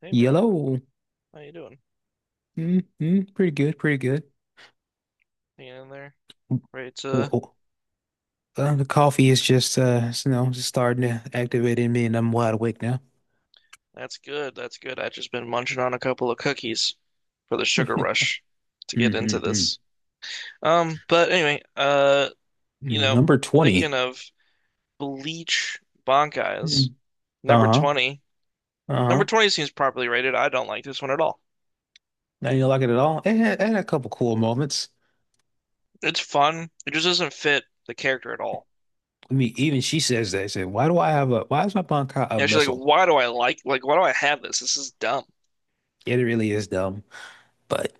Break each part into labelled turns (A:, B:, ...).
A: Hey man,
B: Yellow.
A: how you doing?
B: Mm-hmm. Pretty good. Pretty good.
A: Hanging in there? Right, uh,
B: Whoa. The coffee is just, just starting to activate in me, and I'm wide awake now.
A: that's good. That's good. I've just been munching on a couple of cookies for the sugar rush to get into
B: Mm-hmm.
A: this. But anyway, you know,
B: Number 20.
A: thinking of Bleach Bankai's
B: Mm.
A: number
B: Uh-huh.
A: 20. Number
B: Uh-huh.
A: 20 seems properly rated. I don't like this one at all.
B: Now you don't like it at all. It had a couple cool moments.
A: It's fun. It just doesn't fit the character at all.
B: I mean, even she says that. She said, why do I have a, why is my bankai a
A: You know, she's like,
B: missile?
A: why do I like why do I have this? This is dumb.
B: It really is dumb. But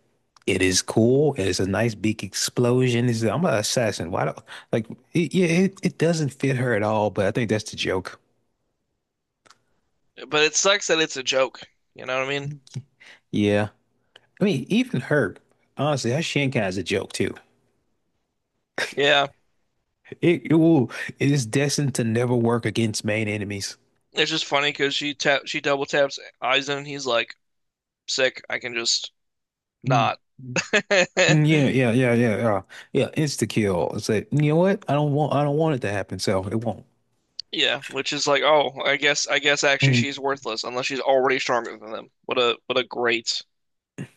B: it is cool. It's a nice big explosion. I'm an assassin. Why don't like it, yeah, it doesn't fit her at all, but I think that's the joke.
A: But it sucks that it's a joke. You know what I mean?
B: Yeah. I mean, honestly, her Shinkai is a joke too.
A: Yeah,
B: It, it will it is destined to never work against main enemies.
A: it's just funny because she double taps Aizen and he's like, sick, I can just
B: Mm.
A: not.
B: Mm, yeah, yeah, yeah, yeah, yeah. Yeah, insta kill. It's like, you know what? I don't want it to happen, so it won't.
A: Yeah, which is like, oh, I guess actually
B: Mm,
A: she's worthless unless she's already stronger than them. What a great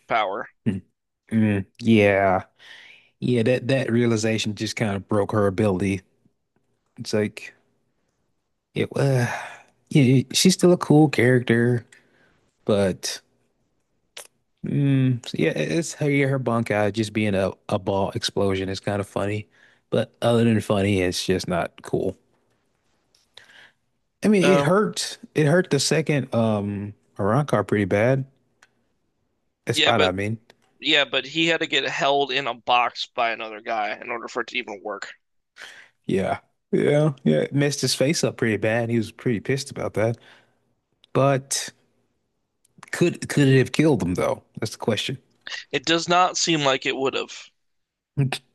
A: power.
B: mm, mm. Yeah. Yeah, that realization just kind of broke her ability. It's like, It, uh, yeah, she's still a cool character, but mm, yeah, yeah, her bunk out just being a ball explosion is kind of funny. But other than funny, it's just not cool. I mean, it
A: Um,
B: hurt. It hurt the second Arrancar pretty bad. That
A: yeah,
B: spot,
A: but
B: I mean.
A: yeah, but he had to get held in a box by another guy in order for it to even work.
B: Yeah. Yeah, yeah. It messed his face up pretty bad. He was pretty pissed about that. But could it have killed him though? That's the question.
A: It does not seem like it would have.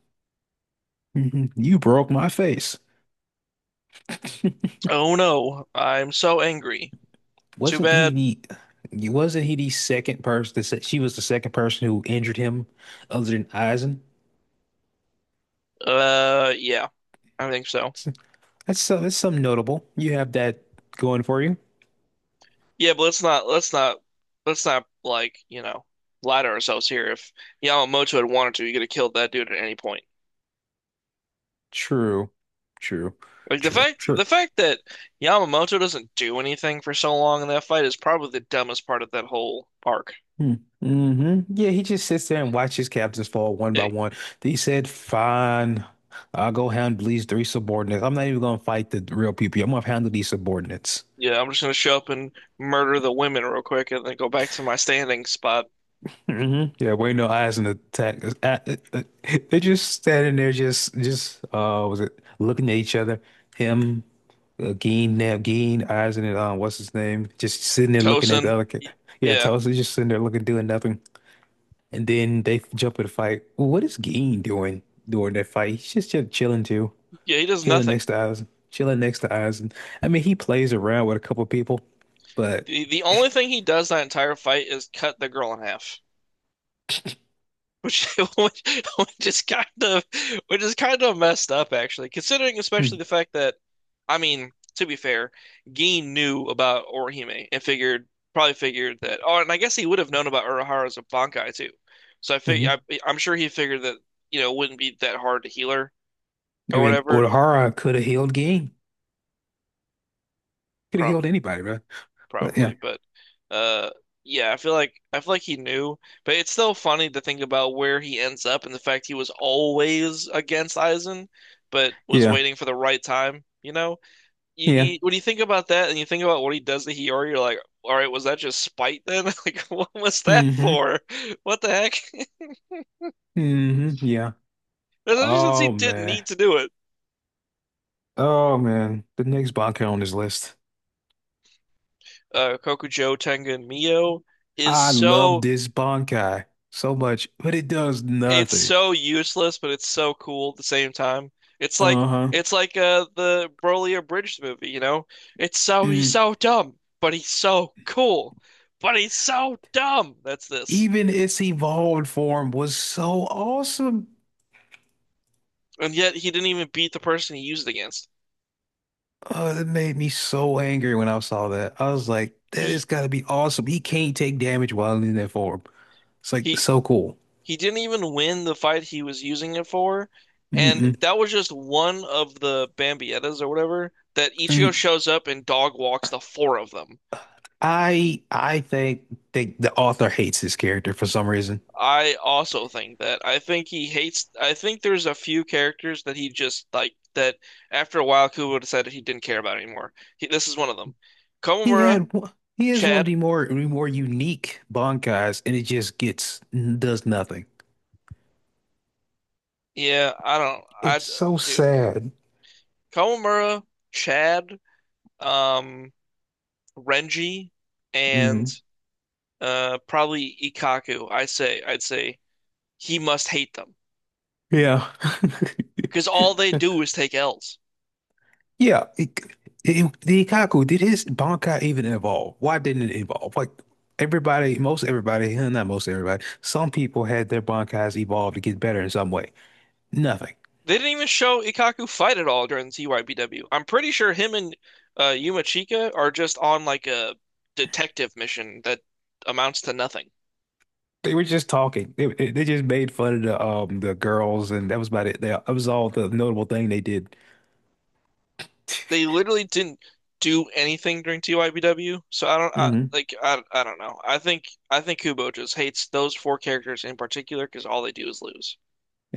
B: You broke my face.
A: Oh no, I'm so angry. Too
B: Wasn't
A: bad.
B: he wasn't he the second person that said she was the second person who injured him other than Eisen?
A: Yeah, I think so.
B: So so that's something notable. You have that going for you.
A: Yeah, but let's not like, you know, lie to ourselves here. If Yamamoto had wanted to, he could have killed that dude at any point.
B: True. True.
A: Like the
B: True.
A: fact the
B: True.
A: fact that Yamamoto doesn't do anything for so long in that fight is probably the dumbest part of that whole arc.
B: Hmm. Hmm, yeah, he just sits there and watches captains fall one by
A: Hey,
B: one. He said, fine, I'll go handle these three subordinates. I'm not even gonna fight the real people. I'm gonna handle these subordinates.
A: yeah, I'm just gonna show up and murder the women real quick and then go back to my standing spot.
B: Hmm, yeah, wait, no eyes in the attack. They're just standing there, was it looking at each other? Him, Gene, Nab, Gene, eyes in it. What's his name? Just sitting there looking at
A: Tosin,
B: the other kid.
A: y-
B: Yeah,
A: yeah,
B: Tulsa's just sitting there looking, doing nothing. And then they jump in the fight. Well, what is Gene doing during that fight? He's just chilling too,
A: yeah, he does
B: chilling
A: nothing.
B: next to eyes, chilling next to eyes. And I mean, he plays around with a couple people, but
A: The only thing he does that entire fight is cut the girl in half. Which, which which is kind of messed up actually, considering especially
B: hmm,
A: the fact that I mean, to be fair, Gin knew about Orihime and figured probably figured that oh, and I guess he would have known about Urahara's Bankai too. So I fig I,
B: mhm.
A: I'm sure he figured that, you know, it wouldn't be that hard to heal her
B: I
A: or
B: mean,
A: whatever.
B: Urahara could have healed Gene, could have healed anybody, right? But yeah,
A: Probably, but uh yeah, I feel like he knew, but it's still funny to think about where he ends up and the fact he was always against Aizen, but was
B: yeah,
A: waiting for the right time, you know?
B: yeah.
A: When you think about that and you think about what he does to Hiyori, you're like, all right, was that just spite then? Like, what was that
B: Hmm,
A: for? What the heck?
B: hmm, yeah.
A: Especially since he
B: Oh
A: didn't
B: man.
A: need to do it.
B: Oh man. The next Bankai on this list.
A: Kokujo Tengen Mio is
B: I love
A: so
B: this Bankai so much, but it does
A: it's
B: nothing.
A: so useless, but it's so cool at the same time. It's like
B: Uh-huh.
A: it's like the Broly Abridged movie, you know? It's so He's
B: Mm.
A: so dumb, but he's so cool. But he's so dumb. That's this.
B: Even its evolved form was so awesome.
A: And yet he didn't even beat the person he used it against.
B: Oh, that made me so angry when I saw that. I was like,
A: He
B: that got to be awesome. He can't take damage while in that form. It's like
A: he
B: so cool.
A: he didn't even win the fight he was using it for. And
B: Mm-mm.
A: that was just one of the Bambiettas or whatever that Ichigo
B: Mm-hmm.
A: shows up and dog walks the four of them.
B: I think the author hates his character for some reason.
A: I also think that. I think he hates. I think there's a few characters that he just like that. After a while, Kubo decided he didn't care about anymore. He, this is one of them.
B: He
A: Komamura,
B: had one- he has one of
A: Chad.
B: the more unique bankais, and it just gets does nothing.
A: Yeah, I don't. I
B: It's so
A: dude,
B: sad.
A: Komamura, Chad, um, Renji, and
B: Hmm,
A: probably Ikaku. I'd say he must hate them
B: yeah.
A: because all they do is take L's.
B: Yeah. The Ikkaku, did his Bankai even evolve? Why didn't it evolve? Like everybody, most everybody, not most everybody, some people had their Bankais evolve to get better in some way. Nothing.
A: They didn't even show Ikaku fight at all during the TYBW. I'm pretty sure him and Yuma Chika are just on like a detective mission that amounts to nothing.
B: They were just talking. They just made fun of the girls, and that was about it. That was all the notable thing they did.
A: They literally didn't do anything during TYBW, so
B: Hmm.
A: I don't know. I think Kubo just hates those four characters in particular because all they do is lose.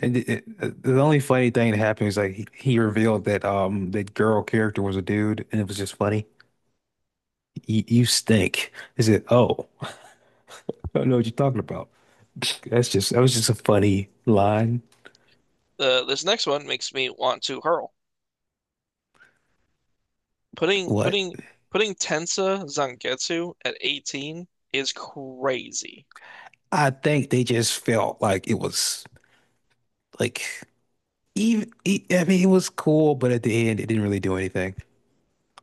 B: And the only funny thing that happened is like he revealed that that girl character was a dude, and it was just funny. You stink. He said, "Oh, I don't know what you're talking about." That was just a funny line.
A: This next one makes me want to hurl. Putting
B: What?
A: putting putting Tensa Zangetsu at 18 is crazy.
B: I think they just felt like it was like I mean it was cool, but at the end it didn't really do anything.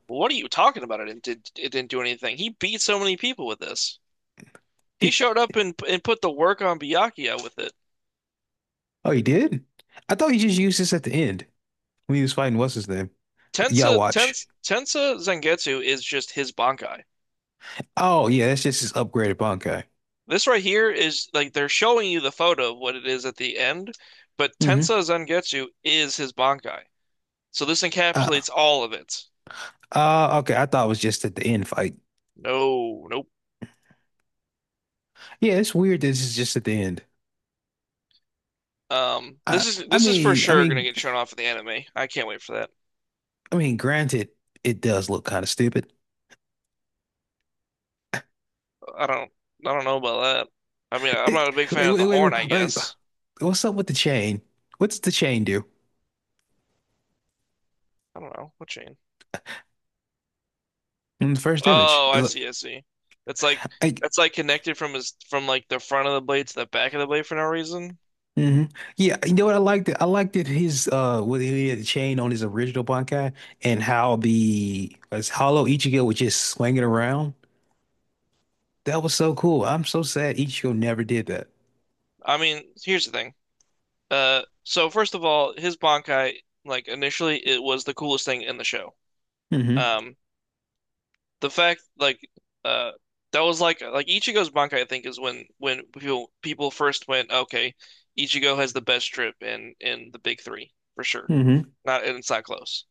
A: What are you talking about? It didn't do anything. He beat so many people with this. He
B: Did,
A: showed up and put the work on Byakuya with it.
B: Oh, he did? I thought he just used this at the end when he was fighting what's his name?
A: Tensa
B: Yawatch.
A: Tensa Tensa Zangetsu is just his Bankai.
B: Oh yeah, that's just his upgraded Bankai.
A: This right here is like they're showing you the photo of what it is at the end, but
B: Mm-hmm.
A: Tensa Zangetsu is his Bankai. So this
B: Uh,
A: encapsulates all of it.
B: okay, I thought it was just at the end fight.
A: No, nope.
B: Yeah, it's weird that this is just at the end.
A: This
B: I
A: is
B: I
A: this is for
B: mean I
A: sure gonna
B: mean
A: get shown off in the anime. I can't wait for that.
B: I mean granted it does look kind of stupid.
A: I don't I don't know about that. I mean, I'm not
B: It
A: a big
B: wait,
A: fan of the
B: wait, wait,
A: horn, I
B: like
A: guess.
B: what's up with the chain? What's the chain do
A: I don't know. What chain?
B: in the first image?
A: Oh, I see, I see. That's like
B: Like,
A: that's connected from his from like the front of the blade to the back of the blade for no reason.
B: hmm, yeah, you know what I liked? I liked that his what he had the chain on his original Bankai, and how the as Hollow Ichigo was just swinging around. That was so cool. I'm so sad Ichigo never did that.
A: I mean, here's the thing. So first of all, his Bankai, like initially, it was the coolest thing in the show.
B: Hmm,
A: Um, the fact like uh that was like Ichigo's Bankai, I think, is when people first went, okay, Ichigo has the best trip in the big three for sure.
B: hmm,
A: Not and it's not close.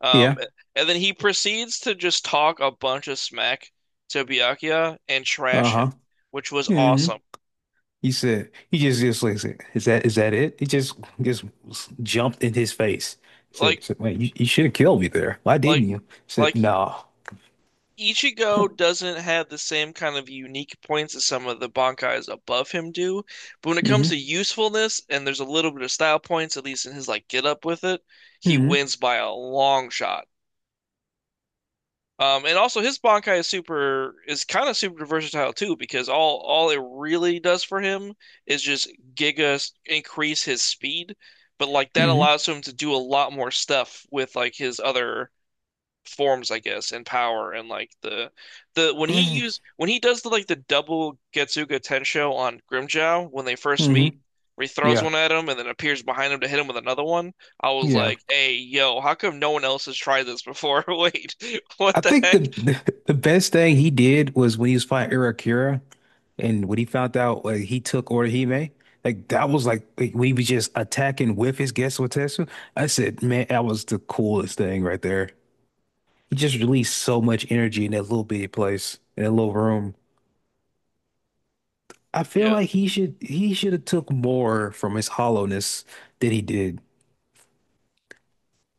A: Um,
B: yeah.
A: and then he proceeds to just talk a bunch of smack to Byakuya and trash him,
B: Uh-huh.
A: which was
B: Hmm.
A: awesome.
B: He said he just like said, is that it? He just jumped in his face. Said,
A: Like,
B: said wait, you should have killed me there. Why didn't
A: like,
B: you? Said
A: like,
B: no.
A: Ichigo doesn't have the same kind of unique points as some of the Bankais above him do, but when it comes
B: Hmm.
A: to usefulness and there's a little bit of style points, at least in his like get up with it, he
B: Hmm.
A: wins by a long shot. And also his Bankai is kind of super versatile too because all it really does for him is just increase his speed, but like that
B: Hmm.
A: allows him to do a lot more stuff with like his other forms, I guess, and power and like the when he
B: Hmm.
A: use when he does the like the double Getsuga Tensho on Grimjow when they first
B: Hmm.
A: meet, where he throws
B: Yeah.
A: one at him and then appears behind him to hit him with another one. I was
B: Yeah.
A: like, "Hey, yo, how come no one else has tried this before?" Wait, what
B: I
A: the
B: think
A: heck?
B: the best thing he did was when he was fighting Irakira and when he found out like, he took Orihime, like that was like, when he was just attacking with his Getsutetsu. I said, man, that was the coolest thing right there. He just released so much energy in that little bitty place, in that little room. I feel
A: Yeah.
B: like he should have took more from his hollowness than he did.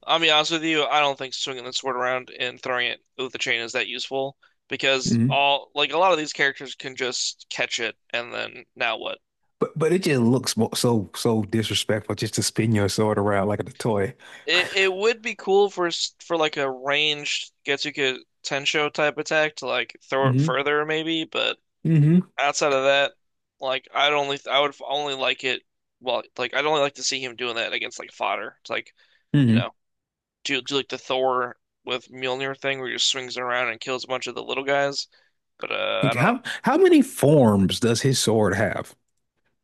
A: I'll be honest with you, I don't think swinging the sword around and throwing it with the chain is that useful because
B: Hmm.
A: all like a lot of these characters can just catch it and then now what?
B: But it just looks so disrespectful just to spin your sword around like a toy.
A: It would be cool for for like a ranged Getsuka Tensho type attack to like throw it
B: Hmm.
A: further maybe, but
B: Hmm.
A: outside of that, I would only like it well like I'd only like to see him doing that against like fodder. It's like you know,
B: Hmm.
A: do like the Thor with Mjolnir thing where he just swings it around and kills a bunch of the little guys. But I
B: Like,
A: don't.
B: how many forms does his sword have?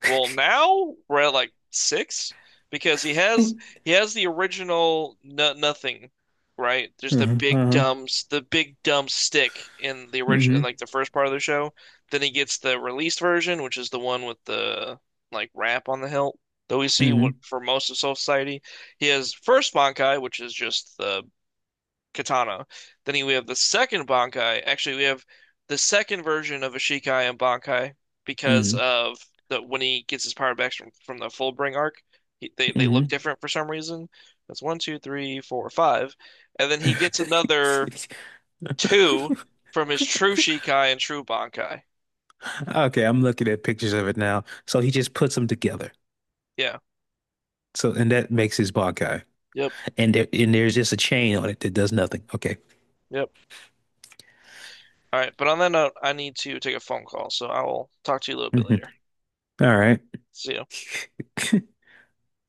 A: Well, now we're at like six because he has
B: Hmm.
A: he has the original no, nothing, right? There's the
B: Hmm.
A: the big dumb stick in the original
B: Hmm.
A: in like the first part of the show. Then he gets the released version, which is the one with the like wrap on the hilt that we see
B: Hmm.
A: for most of Soul Society. He has first Bankai, which is just the katana. Then we have the second Bankai. Actually, we have the second version of Ishikai and Bankai because
B: Hmm.
A: of the when he gets his power back from the Fullbring arc, they look
B: Hmm.
A: different for some reason. That's one, two, three, four, five, and then he gets another two from his true Shikai and true Bankai.
B: Okay, I'm looking at pictures of it now. So he just puts them together.
A: Yeah.
B: So and that makes his Bankai.
A: Yep.
B: And there's just a chain on it that does nothing. Okay.
A: Yep. All right. But on that note, I need to take a phone call, so I will talk to you a little bit
B: Mhm.
A: later.
B: All right.
A: See you.